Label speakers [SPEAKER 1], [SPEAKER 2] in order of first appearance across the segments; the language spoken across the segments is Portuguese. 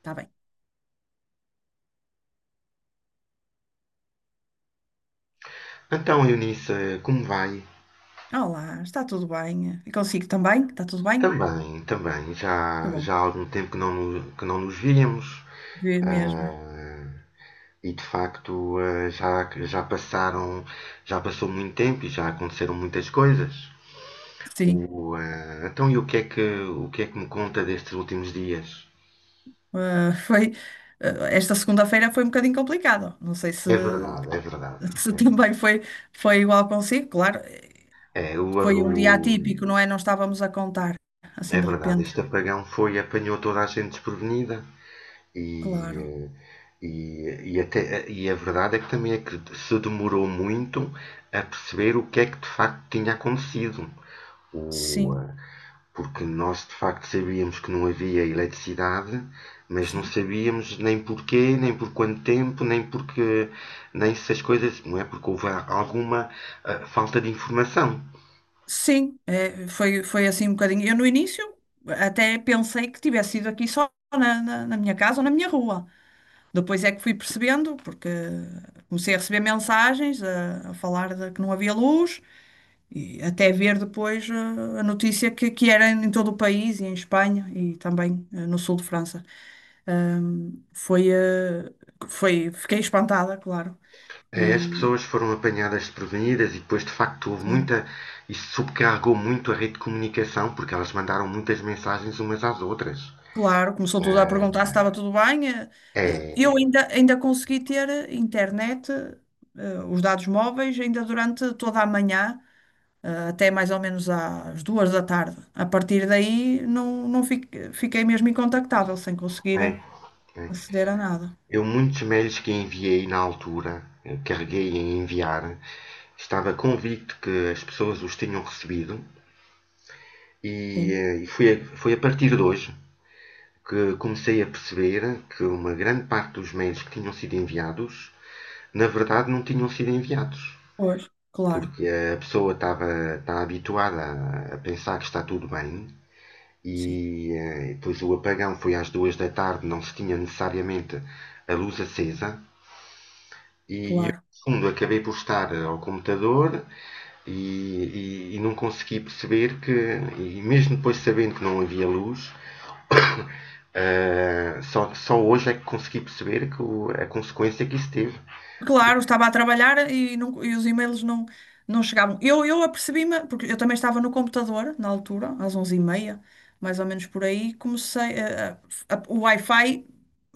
[SPEAKER 1] Está bem.
[SPEAKER 2] Então, Eunice, como vai?
[SPEAKER 1] Olá, está tudo bem? E consigo também? Está tudo bem?
[SPEAKER 2] Também, também.
[SPEAKER 1] Tá
[SPEAKER 2] Já,
[SPEAKER 1] bom.
[SPEAKER 2] já há algum tempo que não nos víamos.
[SPEAKER 1] Vê mesmo.
[SPEAKER 2] Ah, e de facto, já passou muito tempo e já aconteceram muitas coisas.
[SPEAKER 1] Sim.
[SPEAKER 2] Então, e o que é que me conta destes últimos dias?
[SPEAKER 1] Ah, foi, esta segunda-feira foi um bocadinho complicado. Não sei se,
[SPEAKER 2] É verdade, é verdade. É,
[SPEAKER 1] se
[SPEAKER 2] verdade.
[SPEAKER 1] também foi igual consigo. Claro,
[SPEAKER 2] É,
[SPEAKER 1] foi um dia
[SPEAKER 2] o-
[SPEAKER 1] atípico, não é? Não estávamos a contar
[SPEAKER 2] é
[SPEAKER 1] assim de
[SPEAKER 2] verdade,
[SPEAKER 1] repente.
[SPEAKER 2] este apagão apanhou toda a gente desprevenida.
[SPEAKER 1] Claro.
[SPEAKER 2] E, e a verdade é que também é que se demorou muito a perceber o que é que de facto tinha acontecido. O,
[SPEAKER 1] Sim,
[SPEAKER 2] eh, Porque nós de facto sabíamos que não havia eletricidade, mas não
[SPEAKER 1] sim.
[SPEAKER 2] sabíamos nem porquê, nem por quanto tempo, nem porque nem se as coisas, não é? Porque houve alguma falta de informação.
[SPEAKER 1] Sim, foi assim um bocadinho. Eu no início até pensei que tivesse sido aqui só na minha casa ou na minha rua. Depois é que fui percebendo, porque comecei a receber mensagens a falar de que não havia luz, e até ver depois a notícia que era em todo o país, e em Espanha e também no sul de França. Ahm, foi, eh, Fiquei espantada, claro.
[SPEAKER 2] É, as
[SPEAKER 1] E
[SPEAKER 2] pessoas foram apanhadas desprevenidas e depois, de facto, houve
[SPEAKER 1] sim,
[SPEAKER 2] muita. Isso sobrecarregou muito a rede de comunicação, porque elas mandaram muitas mensagens umas às outras.
[SPEAKER 1] claro, começou tudo a
[SPEAKER 2] Ah,
[SPEAKER 1] perguntar se estava tudo bem. Eu
[SPEAKER 2] é.
[SPEAKER 1] ainda consegui ter internet, os dados móveis, ainda durante toda a manhã. Até mais ou menos às duas da tarde. A partir daí não fiquei mesmo incontactável, sem conseguir
[SPEAKER 2] É, é.
[SPEAKER 1] aceder a nada.
[SPEAKER 2] Muitos mails que enviei na altura, carreguei em enviar, estava convicto que as pessoas os tinham recebido, e,
[SPEAKER 1] Sim,
[SPEAKER 2] e foi a partir de hoje que comecei a perceber que uma grande parte dos mails que tinham sido enviados, na verdade, não tinham sido enviados.
[SPEAKER 1] pois, claro,
[SPEAKER 2] Porque a pessoa estava está habituada a pensar que está tudo bem e
[SPEAKER 1] sim,
[SPEAKER 2] depois o apagão foi às duas da tarde, não se tinha necessariamente a luz acesa e eu,
[SPEAKER 1] claro.
[SPEAKER 2] no fundo, acabei por estar ao computador e, e não consegui perceber que, e mesmo depois sabendo que não havia luz, só hoje é que consegui perceber que a consequência que isso teve.
[SPEAKER 1] Claro, estava a trabalhar e os e-mails não chegavam. Eu apercebi-me, porque eu também estava no computador na altura, às onze e meia, mais ou menos por aí, comecei, a- o Wi-Fi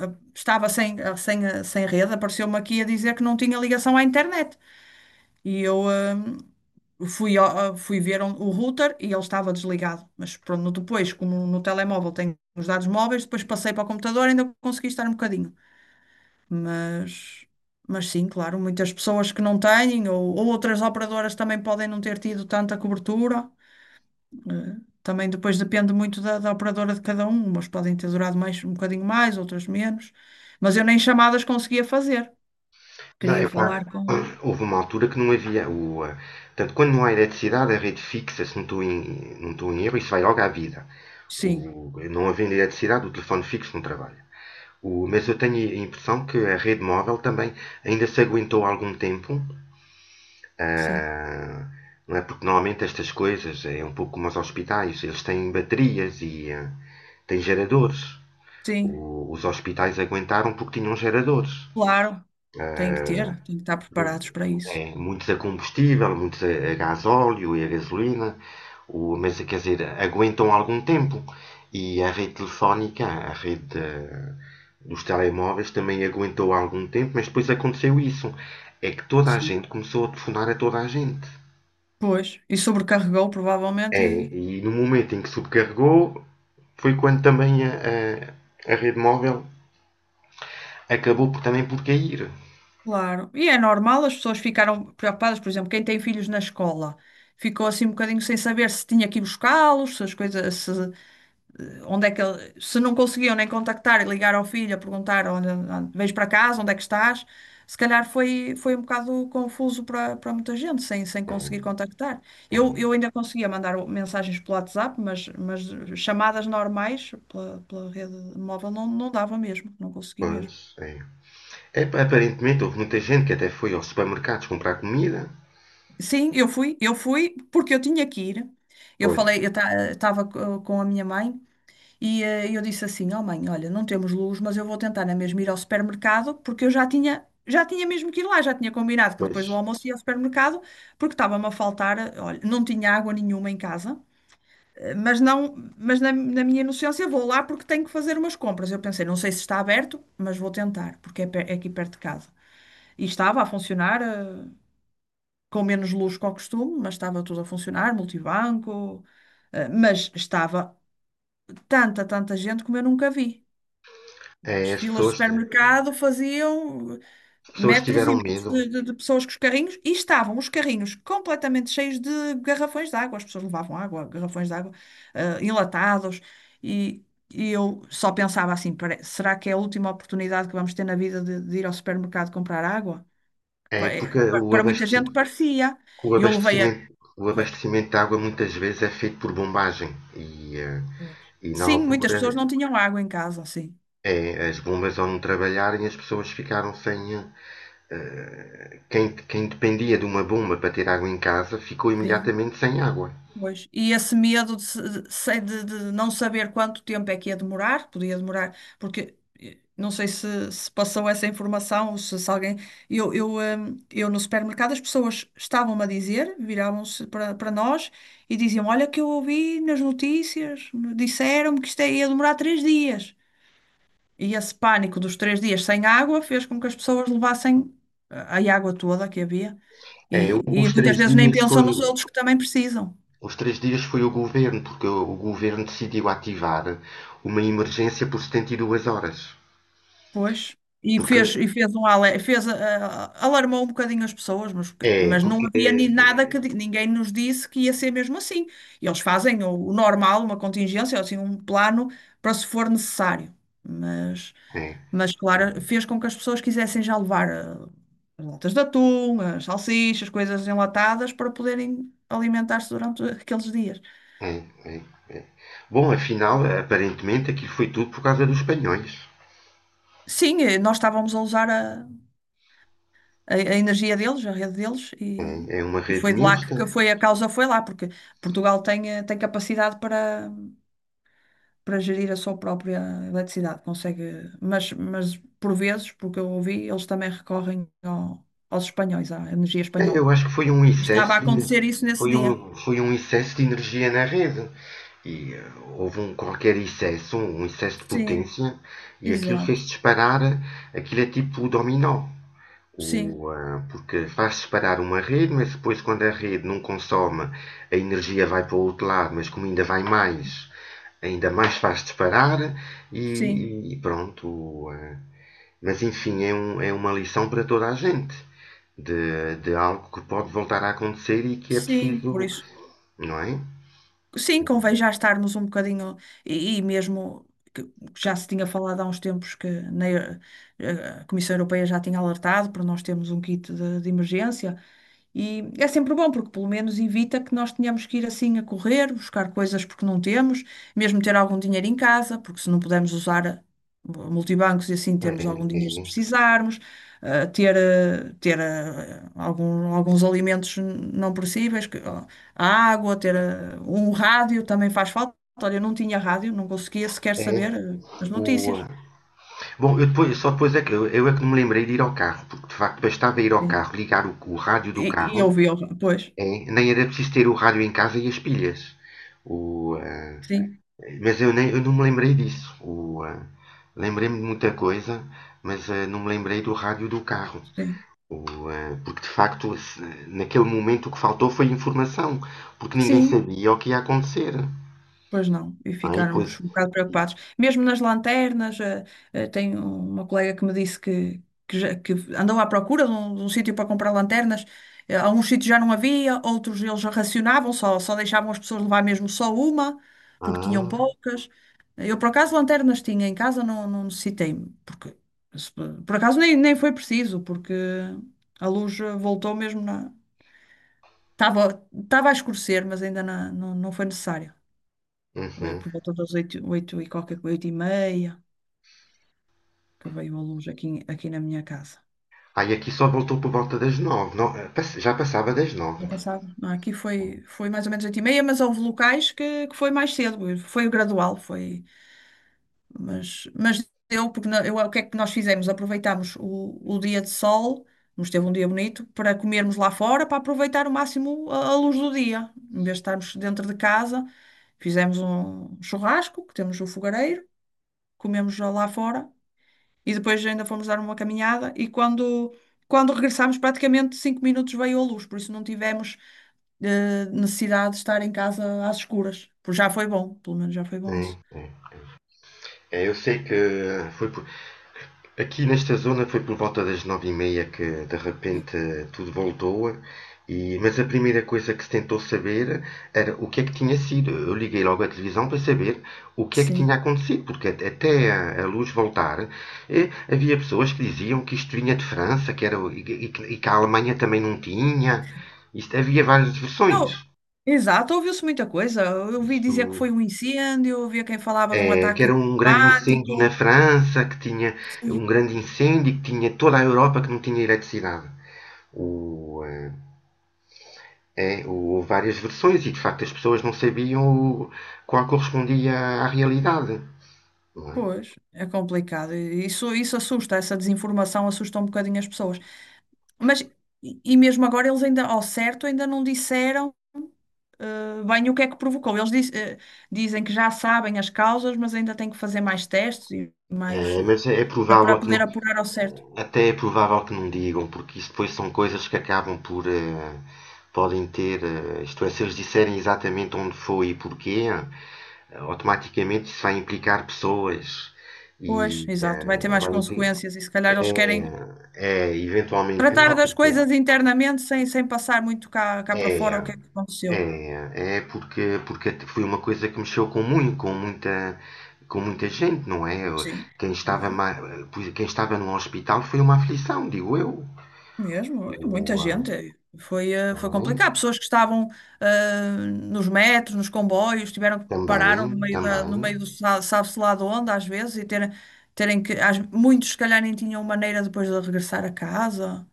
[SPEAKER 1] eh, estava sem rede, apareceu-me aqui a dizer que não tinha ligação à internet. E eu fui ver o router e ele estava desligado. Mas pronto, depois, como no telemóvel tenho os dados móveis, depois passei para o computador e ainda consegui estar um bocadinho. Mas, mas sim, claro, muitas pessoas que não têm, ou outras operadoras também podem não ter tido tanta cobertura. Eh, Também depois depende muito da operadora de cada um. Umas podem ter durado mais, um bocadinho mais, outras menos. Mas eu nem chamadas conseguia fazer.
[SPEAKER 2] Não,
[SPEAKER 1] Queria falar
[SPEAKER 2] epá,
[SPEAKER 1] com.
[SPEAKER 2] houve uma altura que não havia. Portanto, quando não há eletricidade, a rede fixa, se não estou em erro, isso vai logo à vida.
[SPEAKER 1] Sim,
[SPEAKER 2] Não havendo eletricidade, o telefone fixo não trabalha. Mas eu tenho a impressão que a rede móvel também ainda se aguentou algum tempo.
[SPEAKER 1] sim,
[SPEAKER 2] ah, não é? Porque normalmente estas coisas é um pouco como os hospitais, eles têm baterias e têm geradores.
[SPEAKER 1] sim.
[SPEAKER 2] O- os hospitais aguentaram porque tinham geradores.
[SPEAKER 1] Claro, tem que tem que estar preparados para isso.
[SPEAKER 2] É, muitos a combustível, muitos a gás óleo e a gasolina, mas quer dizer, aguentam algum tempo. E a rede telefónica, a rede dos telemóveis também aguentou algum tempo, mas depois aconteceu isso. É que toda a
[SPEAKER 1] Sim.
[SPEAKER 2] gente começou a telefonar a toda a gente.
[SPEAKER 1] Pois, e sobrecarregou provavelmente
[SPEAKER 2] É, e no momento em que sobrecarregou, foi quando também a rede móvel acabou por, também por cair.
[SPEAKER 1] claro. E é normal, as pessoas ficaram preocupadas, por exemplo, quem tem filhos na escola ficou assim um bocadinho sem saber se tinha que ir buscá-los, se as coisas, se, onde é que ele, se não conseguiam nem contactar e ligar ao filho a perguntar onde vens para casa, onde é que estás, se calhar foi um bocado confuso para muita gente, sem
[SPEAKER 2] É,
[SPEAKER 1] conseguir contactar.
[SPEAKER 2] é,
[SPEAKER 1] Eu ainda conseguia mandar mensagens pelo WhatsApp, mas chamadas normais pela rede móvel não dava mesmo, não consegui
[SPEAKER 2] pois,
[SPEAKER 1] mesmo.
[SPEAKER 2] é. É, aparentemente houve muita gente que até foi aos supermercados comprar comida.
[SPEAKER 1] Sim, eu fui porque eu tinha que ir.
[SPEAKER 2] Pois,
[SPEAKER 1] Eu estava com a minha mãe. E eu disse assim: "Oh mãe, olha, não temos luz, mas eu vou tentar na mesma ir ao supermercado, porque eu já já tinha mesmo que ir lá, já tinha combinado que depois do
[SPEAKER 2] pois.
[SPEAKER 1] almoço ia ao supermercado, porque estava-me a faltar, olha, não tinha água nenhuma em casa, eh, mas não, mas na, na minha inocência vou lá porque tenho que fazer umas compras." Eu pensei, não sei se está aberto, mas vou tentar, porque é aqui perto de casa. E estava a funcionar, com menos luz que ao costume, mas estava tudo a funcionar, multibanco, mas estava tanta gente como eu nunca vi. As
[SPEAKER 2] É,
[SPEAKER 1] filas de
[SPEAKER 2] as
[SPEAKER 1] supermercado faziam
[SPEAKER 2] pessoas
[SPEAKER 1] metros e
[SPEAKER 2] tiveram
[SPEAKER 1] metros
[SPEAKER 2] medo.
[SPEAKER 1] de pessoas com os carrinhos e estavam os carrinhos completamente cheios de garrafões de água. As pessoas levavam água, garrafões de água, enlatados. E, e eu só pensava assim: Será que é a última oportunidade que vamos ter na vida de ir ao supermercado comprar água?
[SPEAKER 2] É porque o
[SPEAKER 1] Para muita gente
[SPEAKER 2] abastecimento,
[SPEAKER 1] parecia."
[SPEAKER 2] o
[SPEAKER 1] E eu levei a.
[SPEAKER 2] abastecimento, o abastecimento de água muitas vezes é feito por bombagem. E, e na
[SPEAKER 1] Sim, muitas
[SPEAKER 2] altura
[SPEAKER 1] pessoas não tinham água em casa, sim.
[SPEAKER 2] é, as bombas ao não trabalharem as pessoas ficaram sem. Eh, quem dependia de uma bomba para ter água em casa ficou
[SPEAKER 1] Sim.
[SPEAKER 2] imediatamente sem água.
[SPEAKER 1] Pois. E esse medo de, se- de, se- de não saber quanto tempo é que ia demorar, podia demorar, porque não sei se passou essa informação ou se alguém. Eu no supermercado as pessoas estavam-me a dizer, viravam-se para nós e diziam: "Olha, que eu ouvi nas notícias, disseram-me que isto é, ia demorar três dias." E esse pânico dos três dias sem água fez com que as pessoas levassem a água toda que havia.
[SPEAKER 2] É,
[SPEAKER 1] E muitas vezes nem pensam nos outros que também precisam.
[SPEAKER 2] os 3 dias foi o governo, porque o governo decidiu ativar uma emergência por 72 horas.
[SPEAKER 1] Pois.
[SPEAKER 2] Porque
[SPEAKER 1] E fez um ale- fez, ah, Alarmou um bocadinho as pessoas,
[SPEAKER 2] é,
[SPEAKER 1] mas não
[SPEAKER 2] porque
[SPEAKER 1] havia
[SPEAKER 2] é,
[SPEAKER 1] ni- nada que di- ninguém nos disse que ia ser mesmo assim. E eles fazem o normal, uma contingência, assim, um plano para se for necessário. Mas,
[SPEAKER 2] é,
[SPEAKER 1] mas claro, fez com que as pessoas quisessem já levar as latas de atum, as salsichas, coisas enlatadas para poderem alimentar-se durante aqueles dias.
[SPEAKER 2] é, é. é. Bom, afinal, aparentemente aquilo foi tudo por causa dos espanhóis.
[SPEAKER 1] Sim, nós estávamos a usar a energia deles, a rede deles,
[SPEAKER 2] É, é uma
[SPEAKER 1] e
[SPEAKER 2] rede
[SPEAKER 1] foi de lá que
[SPEAKER 2] mista.
[SPEAKER 1] foi a causa, foi lá, porque Portugal tem, tem capacidade para gerir a sua própria eletricidade, consegue, mas por vezes, porque eu ouvi, eles também recorrem aos espanhóis, à energia
[SPEAKER 2] É, eu
[SPEAKER 1] espanhola.
[SPEAKER 2] acho que
[SPEAKER 1] Estava a acontecer isso nesse dia.
[SPEAKER 2] foi um excesso de energia na rede. E houve um qualquer excesso, um excesso de
[SPEAKER 1] Sim,
[SPEAKER 2] potência, e aquilo fez
[SPEAKER 1] exato.
[SPEAKER 2] disparar, aquilo é tipo o dominó.
[SPEAKER 1] Sim,
[SPEAKER 2] Porque faz disparar uma rede, mas depois quando a rede não consome, a energia vai para o outro lado, mas como ainda vai mais, ainda mais faz disparar
[SPEAKER 1] sim,
[SPEAKER 2] e, pronto. Mas enfim, é uma lição para toda a gente de algo que pode voltar a acontecer e que é
[SPEAKER 1] sim. Por
[SPEAKER 2] preciso,
[SPEAKER 1] isso.
[SPEAKER 2] não é?
[SPEAKER 1] Sim, convém já estarmos um bocadinho, e mesmo que já se tinha falado há uns tempos que na a Comissão Europeia já tinha alertado para nós termos um kit de emergência, e é sempre bom, porque pelo menos evita que nós tenhamos que ir assim a correr, buscar coisas porque não temos, mesmo ter algum dinheiro em casa, porque se não pudermos usar multibancos e assim
[SPEAKER 2] É,
[SPEAKER 1] termos algum dinheiro se
[SPEAKER 2] é,
[SPEAKER 1] precisarmos, ter alguns alimentos não perecíveis. A água, ter um rádio também faz falta. Olha, eu não tinha rádio, não conseguia sequer
[SPEAKER 2] é. É.
[SPEAKER 1] saber as
[SPEAKER 2] O,
[SPEAKER 1] notícias.
[SPEAKER 2] ah, Bom, eu depois, só depois é que eu é que me lembrei de ir ao carro, porque de facto bastava ir ao
[SPEAKER 1] Sim.
[SPEAKER 2] carro, ligar o rádio do carro.
[SPEAKER 1] Pois,
[SPEAKER 2] É, nem era preciso ter o rádio em casa e as pilhas. O, ah,
[SPEAKER 1] sim,
[SPEAKER 2] mas eu não me lembrei disso. Lembrei-me de muita coisa, mas não me lembrei do rádio do carro.
[SPEAKER 1] sim.
[SPEAKER 2] Porque de facto, naquele momento o que faltou foi informação, porque ninguém
[SPEAKER 1] Sim,
[SPEAKER 2] sabia o que ia acontecer.
[SPEAKER 1] pois não, e
[SPEAKER 2] Ah, e depois.
[SPEAKER 1] ficarmos um bocado preocupados. Mesmo nas lanternas, tenho uma colega que me disse que andou à procura de um sítio para comprar lanternas. Alguns sítios já não havia, outros eles já racionavam, só deixavam as pessoas levar mesmo só uma, porque tinham
[SPEAKER 2] Ah,
[SPEAKER 1] poucas. Eu, por acaso, lanternas tinha em casa, não necessitei, porque se- por acaso nem foi preciso, porque a luz voltou mesmo na. Estava, Estava a escurecer, mas ainda não foi necessário
[SPEAKER 2] uhum.
[SPEAKER 1] por volta das oito, oito e qualquer coisa, oito e meia, que veio a luz aqui, aqui na minha casa.
[SPEAKER 2] Ah, e aqui só voltou por volta das nove. Já passava das nove.
[SPEAKER 1] Já passava. Não, aqui foi mais ou menos oito e meia, mas houve locais que foi mais cedo, foi gradual, foi, mas deu, porque eu, o que é que nós fizemos? Aproveitámos o dia de sol, nos teve um dia bonito, para comermos lá fora, para aproveitar o máximo a luz do dia, em vez de estarmos dentro de casa, fizemos um churrasco, que temos o fogareiro, comemos lá fora. E depois ainda fomos dar uma caminhada e, quando regressámos, praticamente cinco minutos veio a luz, por isso não tivemos necessidade de estar em casa às escuras. Por já foi bom, pelo menos já foi bom
[SPEAKER 2] É,
[SPEAKER 1] isso.
[SPEAKER 2] é. É, eu sei que ah, foi por aqui nesta zona foi por volta das 9h30 que de
[SPEAKER 1] Sim.
[SPEAKER 2] repente tudo voltou, e, mas a primeira coisa que se tentou saber era o que é que tinha sido. Eu liguei logo à televisão para saber o que é que
[SPEAKER 1] Sim.
[SPEAKER 2] tinha acontecido, porque até a luz voltar havia pessoas que diziam que isto vinha de França, que era, e que a Alemanha também não tinha. Isto, havia várias versões.
[SPEAKER 1] Não, exato, ouviu-se muita coisa. Eu ouvi
[SPEAKER 2] Isto
[SPEAKER 1] dizer que foi um incêndio, ouvia quem falava de um
[SPEAKER 2] é que
[SPEAKER 1] ataque
[SPEAKER 2] era um grande incêndio na
[SPEAKER 1] climático.
[SPEAKER 2] França, que tinha um
[SPEAKER 1] Sim.
[SPEAKER 2] grande incêndio, que tinha toda a Europa que não tinha eletricidade. O, eh, Houve várias versões e de facto as pessoas não sabiam qual correspondia à realidade. Não é?
[SPEAKER 1] Pois, é complicado. Isso assusta, essa desinformação assusta um bocadinho as pessoas. Mas, e e mesmo agora, eles ainda, ao certo, ainda não disseram bem o que é que provocou. Dizem que já sabem as causas, mas ainda têm que fazer mais testes e mais
[SPEAKER 2] Mas é
[SPEAKER 1] para para
[SPEAKER 2] provável que
[SPEAKER 1] poder
[SPEAKER 2] não,
[SPEAKER 1] apurar ao certo.
[SPEAKER 2] até é provável que não digam, porque isso depois são coisas que acabam por podem ter, isto é, se eles disserem exatamente onde foi e porquê, automaticamente isso vai implicar pessoas
[SPEAKER 1] Pois,
[SPEAKER 2] e
[SPEAKER 1] exato, vai ter mais
[SPEAKER 2] vai implicar,
[SPEAKER 1] consequências e se calhar eles
[SPEAKER 2] é,
[SPEAKER 1] querem
[SPEAKER 2] é, eventualmente
[SPEAKER 1] tratar
[SPEAKER 2] não,
[SPEAKER 1] das
[SPEAKER 2] porque
[SPEAKER 1] coisas internamente sem passar muito cá para
[SPEAKER 2] é,
[SPEAKER 1] fora o que é que aconteceu.
[SPEAKER 2] É, é porque, porque foi uma coisa que mexeu com com muita gente, não é?
[SPEAKER 1] Sim,
[SPEAKER 2] Quem estava,
[SPEAKER 1] claro.
[SPEAKER 2] ma- Pois, quem estava no hospital foi uma aflição, digo eu.
[SPEAKER 1] Mesmo, muita
[SPEAKER 2] O, ah,
[SPEAKER 1] gente. Foi
[SPEAKER 2] não
[SPEAKER 1] complicado.
[SPEAKER 2] é?
[SPEAKER 1] Pessoas que estavam eh, nos metros, nos comboios, tiveram que pararam no
[SPEAKER 2] Também,
[SPEAKER 1] meio no
[SPEAKER 2] também.
[SPEAKER 1] meio do sabe-se lá de onde, às vezes, e terem, terem que. Muitos, se calhar, nem tinham maneira depois de regressar a casa.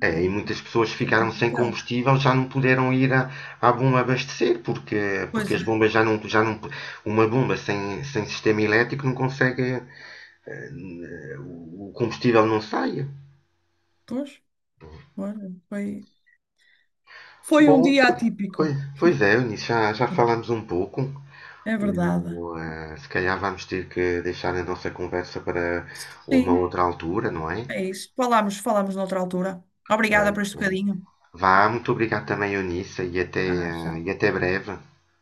[SPEAKER 2] É, e
[SPEAKER 1] Hum,
[SPEAKER 2] muitas pessoas
[SPEAKER 1] Foi
[SPEAKER 2] ficaram sem
[SPEAKER 1] complicado.
[SPEAKER 2] combustível, já não puderam ir à bomba abastecer, porque,
[SPEAKER 1] Pois,
[SPEAKER 2] porque as
[SPEAKER 1] é.
[SPEAKER 2] bombas já não. Uma bomba sem sistema elétrico não consegue. O combustível não sai.
[SPEAKER 1] Pois, olha, foi um
[SPEAKER 2] Bom,
[SPEAKER 1] dia atípico.
[SPEAKER 2] pois, pois é, Eunice, já falámos um pouco.
[SPEAKER 1] É verdade.
[SPEAKER 2] Se calhar vamos ter que deixar a nossa conversa para uma
[SPEAKER 1] Sim,
[SPEAKER 2] outra altura, não é?
[SPEAKER 1] é isso. Falamos noutra altura.
[SPEAKER 2] É,
[SPEAKER 1] Obrigada por este
[SPEAKER 2] é.
[SPEAKER 1] bocadinho.
[SPEAKER 2] Vá, muito obrigado também, Eunice, e até,
[SPEAKER 1] Ah, já.
[SPEAKER 2] eh, e até breve.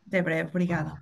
[SPEAKER 1] Até breve, obrigada.